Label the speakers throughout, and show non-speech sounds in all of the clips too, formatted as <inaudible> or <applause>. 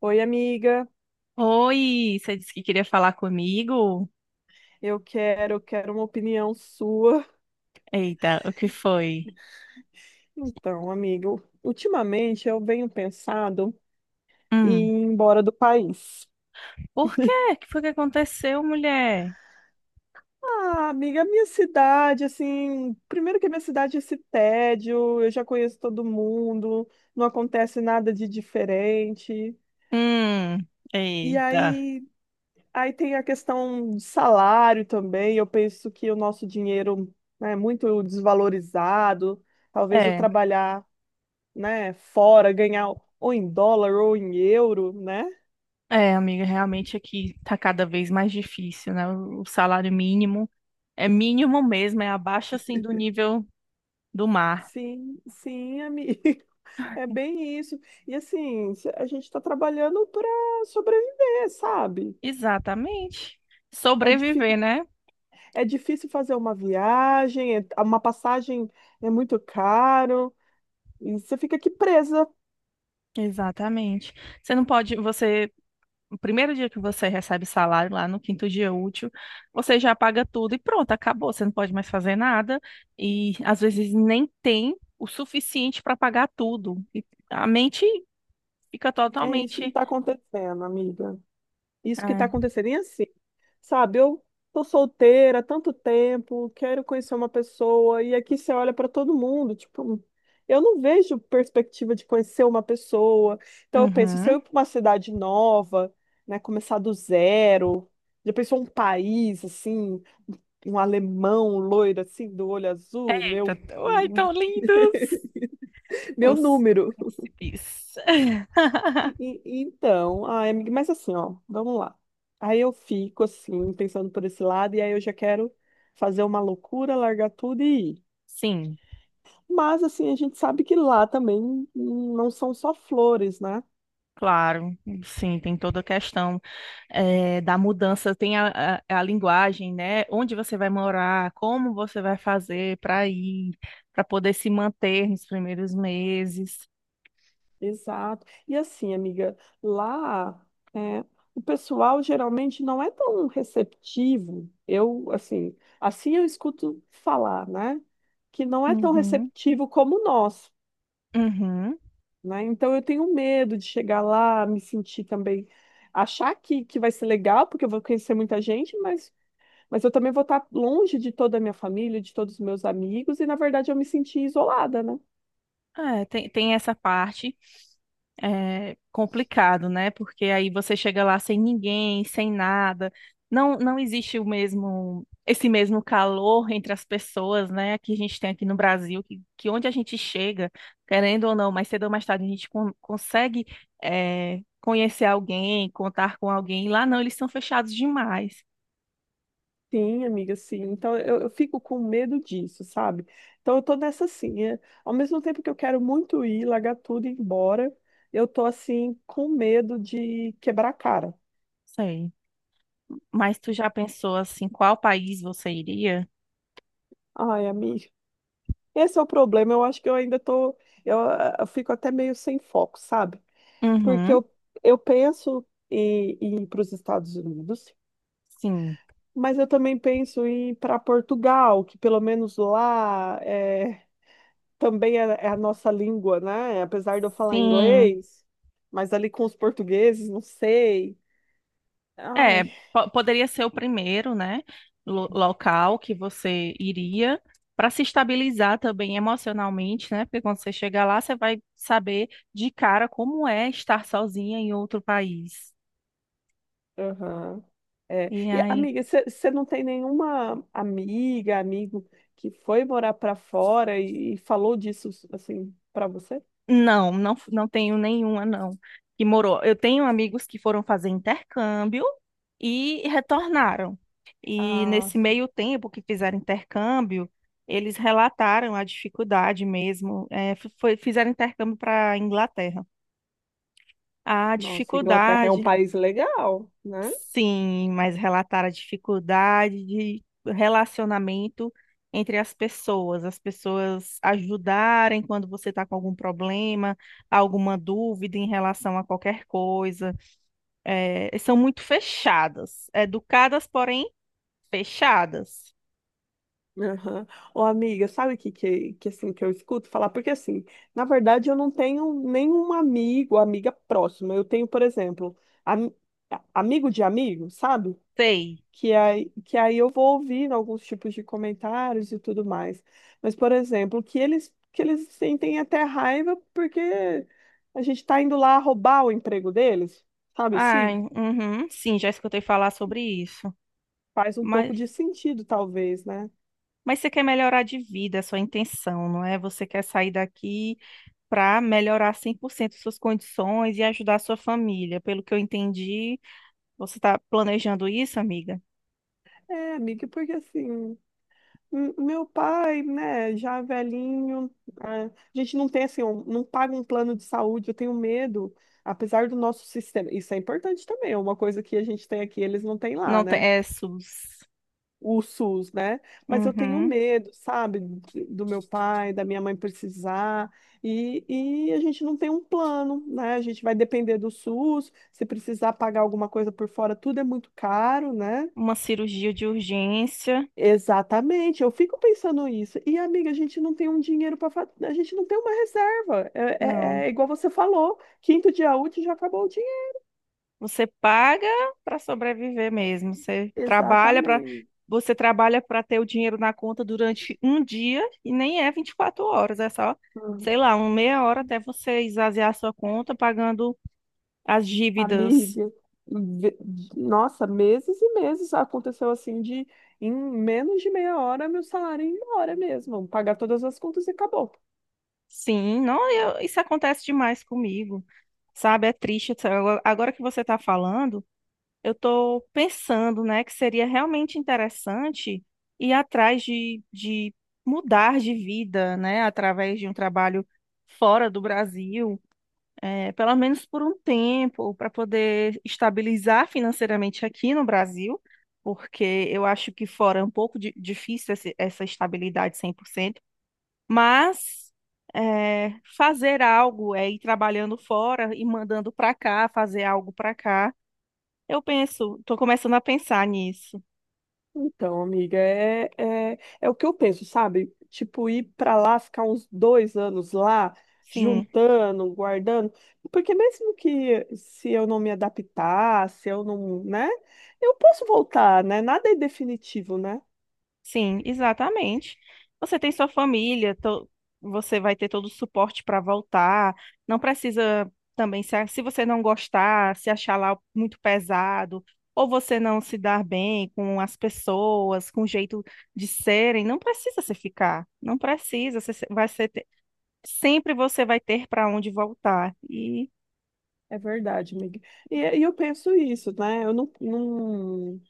Speaker 1: Oi, amiga.
Speaker 2: Oi, você disse que queria falar comigo?
Speaker 1: Eu quero uma opinião sua.
Speaker 2: Eita, o que foi?
Speaker 1: Então, amigo, ultimamente eu venho pensando em
Speaker 2: Hum,
Speaker 1: ir embora do país.
Speaker 2: por quê? O que foi que aconteceu, mulher?
Speaker 1: Ah, amiga, minha cidade, assim, primeiro que a minha cidade é esse tédio, eu já conheço todo mundo, não acontece nada de diferente.
Speaker 2: Hum,
Speaker 1: E
Speaker 2: eita.
Speaker 1: aí, aí tem a questão do salário também. Eu penso que o nosso dinheiro, né, é muito desvalorizado. Talvez eu
Speaker 2: É,
Speaker 1: trabalhar, né, fora, ganhar ou em dólar ou em euro, né?
Speaker 2: é, amiga, realmente aqui tá cada vez mais difícil, né? O salário mínimo é mínimo mesmo, é abaixo assim do nível do mar.
Speaker 1: Sim, sim, amigo. <laughs> É bem isso. E assim, a gente está trabalhando para sobreviver, sabe?
Speaker 2: Exatamente.
Speaker 1: É, difí
Speaker 2: Sobreviver, né?
Speaker 1: é difícil fazer uma viagem. Uma passagem é muito caro, e você fica aqui presa.
Speaker 2: Exatamente. Você não pode, você no primeiro dia que você recebe salário, lá no quinto dia útil, você já paga tudo e pronto, acabou. Você não pode mais fazer nada e às vezes nem tem o suficiente para pagar tudo. E a mente fica
Speaker 1: É isso que
Speaker 2: totalmente.
Speaker 1: está acontecendo, amiga. Isso que está
Speaker 2: Ah,
Speaker 1: acontecendo. E assim, sabe, eu tô solteira há tanto tempo, quero conhecer uma pessoa, e aqui você olha para todo mundo, tipo, eu não vejo perspectiva de conhecer uma pessoa. Então eu penso, se
Speaker 2: uhum.
Speaker 1: eu ir para uma cidade nova, né, começar do zero, já pensou um país assim, um alemão loiro assim, do olho azul,
Speaker 2: Eita,
Speaker 1: meu
Speaker 2: ai, tão
Speaker 1: <laughs>
Speaker 2: lindos!
Speaker 1: meu
Speaker 2: Uns
Speaker 1: número.
Speaker 2: príncipes. <laughs>
Speaker 1: Então, ai, amiga, mas assim, ó, vamos lá. Aí eu fico assim, pensando por esse lado, e aí eu já quero fazer uma loucura, largar tudo e ir.
Speaker 2: Sim.
Speaker 1: Mas assim, a gente sabe que lá também não são só flores, né?
Speaker 2: Claro, sim, tem toda a questão da mudança, tem a linguagem, né? Onde você vai morar, como você vai fazer para ir, para poder se manter nos primeiros meses.
Speaker 1: Exato. E assim, amiga, lá é, o pessoal geralmente não é tão receptivo. Eu, assim eu escuto falar, né? Que não é tão
Speaker 2: Uhum,
Speaker 1: receptivo como nós,
Speaker 2: uhum.
Speaker 1: né? Então eu tenho medo de chegar lá, me sentir também, achar que vai ser legal, porque eu vou conhecer muita gente, mas eu também vou estar longe de toda a minha família, de todos os meus amigos, e na verdade eu me senti isolada, né?
Speaker 2: É, tem essa parte. É complicado, né? Porque aí você chega lá sem ninguém, sem nada. Não, não existe o mesmo, esse mesmo calor entre as pessoas, né? Que a gente tem aqui no Brasil, que onde a gente chega, querendo ou não, mais cedo ou mais tarde, a gente consegue, é, conhecer alguém, contar com alguém. Lá não, eles são fechados demais.
Speaker 1: Sim, amiga, sim. Então eu fico com medo disso, sabe? Então eu tô nessa assim, ao mesmo tempo que eu quero muito ir, largar tudo e ir embora, eu tô assim com medo de quebrar a cara.
Speaker 2: Sei. Mas tu já pensou assim, qual país você iria?
Speaker 1: Ai, amiga, esse é o problema. Eu acho que eu ainda tô, eu, eu fico até meio sem foco, sabe? Porque
Speaker 2: Uhum.
Speaker 1: eu penso em ir para os Estados Unidos,
Speaker 2: Sim.
Speaker 1: mas eu também penso em ir para Portugal, que pelo menos lá é, também é a nossa língua, né? Apesar de eu falar
Speaker 2: Sim.
Speaker 1: inglês, mas ali com os portugueses, não sei.
Speaker 2: É,
Speaker 1: Ai,
Speaker 2: poderia ser o primeiro, né, local que você iria para se estabilizar também emocionalmente, né? Porque quando você chegar lá, você vai saber de cara como é estar sozinha em outro país.
Speaker 1: aham. É.
Speaker 2: E
Speaker 1: E,
Speaker 2: aí
Speaker 1: amiga, você não tem nenhuma amiga, amigo que foi morar para fora e falou disso assim para você?
Speaker 2: Não tenho nenhuma, não, que morou. Eu tenho amigos que foram fazer intercâmbio e retornaram. E
Speaker 1: Ah,
Speaker 2: nesse
Speaker 1: sim.
Speaker 2: meio tempo que fizeram intercâmbio, eles relataram a dificuldade mesmo. Fizeram intercâmbio para a Inglaterra. A
Speaker 1: Nossa, Inglaterra é um
Speaker 2: dificuldade
Speaker 1: país legal, né?
Speaker 2: sim, mas relatar a dificuldade de relacionamento entre as pessoas ajudarem quando você está com algum problema, alguma dúvida em relação a qualquer coisa. É, são muito fechadas, educadas, porém fechadas.
Speaker 1: Aham. Ô, amiga, sabe o que, assim, que eu escuto falar? Porque, assim, na verdade, eu não tenho nenhum amigo, amiga próxima. Eu tenho, por exemplo, ami- amigo de amigo, sabe?
Speaker 2: Sei.
Speaker 1: Que aí, eu vou ouvindo alguns tipos de comentários e tudo mais. Mas, por exemplo, que eles sentem até raiva porque a gente tá indo lá roubar o emprego deles, sabe?
Speaker 2: Ai,
Speaker 1: Sim,
Speaker 2: uhum, sim, já escutei falar sobre isso.
Speaker 1: faz um pouco
Speaker 2: Mas,
Speaker 1: de sentido, talvez, né?
Speaker 2: mas você quer melhorar de vida, é sua intenção, não é? Você quer sair daqui, para melhorar 100% suas condições e ajudar a sua família. Pelo que eu entendi, você está planejando isso, amiga?
Speaker 1: É, amiga, porque assim. Meu pai, né, já velhinho, a gente não tem assim, não paga um plano de saúde, eu tenho medo, apesar do nosso sistema, isso é importante também, é uma coisa que a gente tem aqui, eles não têm lá,
Speaker 2: Não tem,
Speaker 1: né?
Speaker 2: é SUS.
Speaker 1: O SUS, né? Mas eu tenho
Speaker 2: Uhum.
Speaker 1: medo, sabe, do meu pai, da minha mãe precisar, e, e a gente não tem um plano, né? A gente vai depender do SUS, se precisar pagar alguma coisa por fora, tudo é muito caro, né?
Speaker 2: Uma cirurgia de urgência?
Speaker 1: Exatamente, eu fico pensando isso. E, amiga, a gente não tem um dinheiro, para a gente não tem uma reserva. É,
Speaker 2: Não.
Speaker 1: é- é igual você falou, quinto dia útil já acabou o dinheiro.
Speaker 2: Você paga para sobreviver mesmo.
Speaker 1: Exatamente.
Speaker 2: Você trabalha para ter o dinheiro na conta durante um dia e nem é 24 horas, é só,
Speaker 1: Hum.
Speaker 2: sei lá, uma meia hora até você esvaziar a sua conta pagando as dívidas.
Speaker 1: Amiga, ve- nossa, meses e meses aconteceu assim de em menos de meia hora meu salário ir embora mesmo, pagar todas as contas e acabou.
Speaker 2: Sim, não, isso acontece demais comigo, sabe? É triste, sabe? Agora que você está falando, eu estou pensando, né, que seria realmente interessante ir atrás de mudar de vida, né, através de um trabalho fora do Brasil, pelo menos por um tempo, para poder estabilizar financeiramente aqui no Brasil, porque eu acho que fora é um pouco difícil essa estabilidade 100%, mas é, fazer algo é ir trabalhando fora e mandando para cá, fazer algo para cá. Eu penso, estou começando a pensar nisso.
Speaker 1: Então, amiga, é o que eu penso, sabe? Tipo, ir pra lá, ficar uns 2 anos lá,
Speaker 2: Sim,
Speaker 1: juntando, guardando, porque mesmo que se eu não me adaptar, se eu não, né, eu posso voltar, né? Nada é definitivo, né?
Speaker 2: sim, exatamente. Você tem sua família, to- Você vai ter todo o suporte para voltar. Não precisa também, se você não gostar, se achar lá muito pesado, ou você não se dar bem com as pessoas, com o jeito de serem, não precisa se ficar. Não precisa, você se- vai ser sempre, você vai ter para onde voltar. E
Speaker 1: É verdade, amiga. E eu penso isso, né? Eu não, não,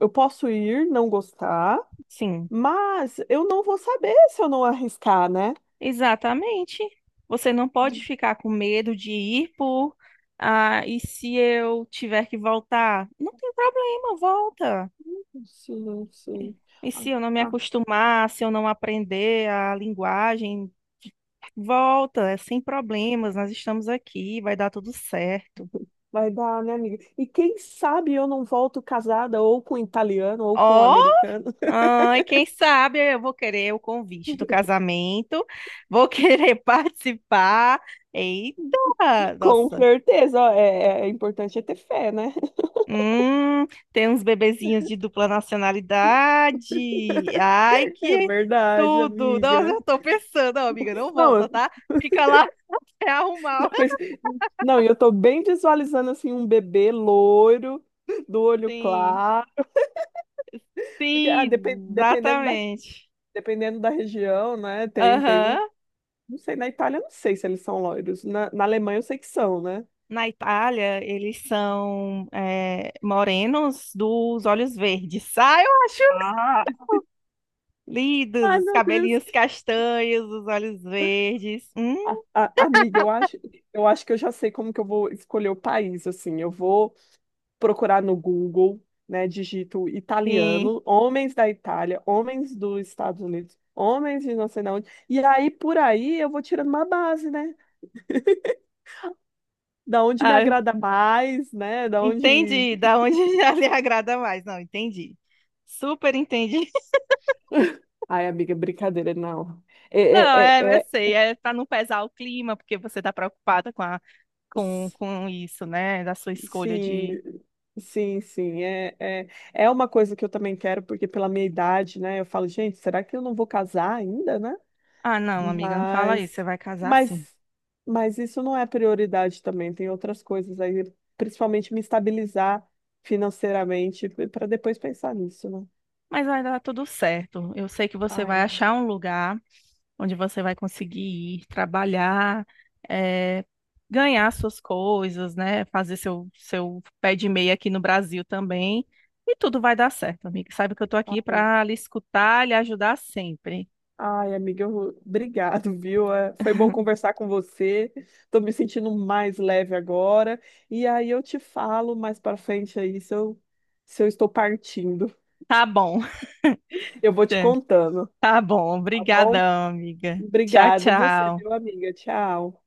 Speaker 1: eu posso ir, não gostar,
Speaker 2: sim,
Speaker 1: mas eu não vou saber se eu não arriscar, né?
Speaker 2: exatamente. Você não pode ficar com medo de ir por, ah, e se eu tiver que voltar? Não tem problema, volta.
Speaker 1: Sim, sim.
Speaker 2: E se eu não me acostumar, se eu não aprender a linguagem, volta, é sem problemas, nós estamos aqui, vai dar tudo certo.
Speaker 1: Vai dar, né, amiga? E quem sabe eu não volto casada ou com italiano ou com
Speaker 2: Ó,
Speaker 1: americano.
Speaker 2: ai, quem sabe eu vou querer o convite do
Speaker 1: <laughs>
Speaker 2: casamento, vou querer <laughs> participar. Eita,
Speaker 1: Com
Speaker 2: nossa.
Speaker 1: certeza, ó, é importante ter fé, né? <laughs>
Speaker 2: Hum, tem uns bebezinhos de dupla nacionalidade. Ai,
Speaker 1: É
Speaker 2: que
Speaker 1: verdade,
Speaker 2: tudo. Nossa,
Speaker 1: amiga.
Speaker 2: eu tô pensando, ó, amiga, não
Speaker 1: Não,
Speaker 2: volta,
Speaker 1: eu
Speaker 2: tá? Fica lá <laughs> até arrumar.
Speaker 1: já pensei... Não, e eu tô bem visualizando assim um bebê loiro, do olho
Speaker 2: Sim,
Speaker 1: claro, porque depen-
Speaker 2: sim,
Speaker 1: dependendo da,
Speaker 2: exatamente.
Speaker 1: dependendo da região, né? Tem um,
Speaker 2: Aham.
Speaker 1: não sei, na Itália eu não sei se eles são loiros. Na Alemanha eu sei que são, né?
Speaker 2: Na Itália, eles são morenos dos olhos verdes. Ah, eu acho
Speaker 1: Ah, <laughs>
Speaker 2: lindos,
Speaker 1: Ai,
Speaker 2: os
Speaker 1: meu Deus.
Speaker 2: cabelinhos castanhos, os olhos verdes.
Speaker 1: Amiga, eu acho, que eu já sei como que eu vou escolher o país, assim, eu vou procurar no Google, né, digito
Speaker 2: Sim.
Speaker 1: italiano, homens da Itália, homens dos Estados Unidos, homens de não sei de onde, e aí por aí eu vou tirando uma base, né, da onde me
Speaker 2: Ah,
Speaker 1: agrada mais, né, da onde...
Speaker 2: entendi da onde <laughs> já lhe agrada mais. Não, entendi. Super entendi. <laughs>
Speaker 1: Ai, amiga, brincadeira, não.
Speaker 2: Não,
Speaker 1: É,
Speaker 2: é,
Speaker 1: é,
Speaker 2: eu
Speaker 1: é,
Speaker 2: sei, é para não pesar o clima, porque você tá preocupada com
Speaker 1: é...
Speaker 2: com isso, né? Da sua escolha
Speaker 1: Sim,
Speaker 2: de.
Speaker 1: sim, sim. É uma coisa que eu também quero, porque pela minha idade, né? Eu falo, gente, será que eu não vou casar ainda, né?
Speaker 2: Ah, não, amiga, não fala isso, você
Speaker 1: Mas,
Speaker 2: vai casar sim.
Speaker 1: mas, mas isso não é prioridade também. Tem outras coisas aí, principalmente me estabilizar financeiramente, para depois pensar nisso, né?
Speaker 2: Mas vai dar tudo certo. Eu sei que você vai
Speaker 1: Ai,
Speaker 2: achar um lugar onde você vai conseguir ir trabalhar, eh, ganhar suas coisas, né? Fazer seu pé de meia aqui no Brasil também. E tudo vai dar certo, amiga. Sabe que eu tô aqui
Speaker 1: ai.
Speaker 2: para lhe escutar e lhe ajudar sempre.
Speaker 1: Ai, amiga, obrigado, viu? É, foi bom conversar com você. Tô me sentindo mais leve agora. E aí eu te falo mais pra frente aí se eu, estou partindo.
Speaker 2: Tá bom. <laughs>
Speaker 1: Eu vou te contando,
Speaker 2: Tá bom.
Speaker 1: tá bom?
Speaker 2: Obrigadão, amiga. Tchau,
Speaker 1: Obrigada você,
Speaker 2: tchau.
Speaker 1: viu, amiga. Tchau.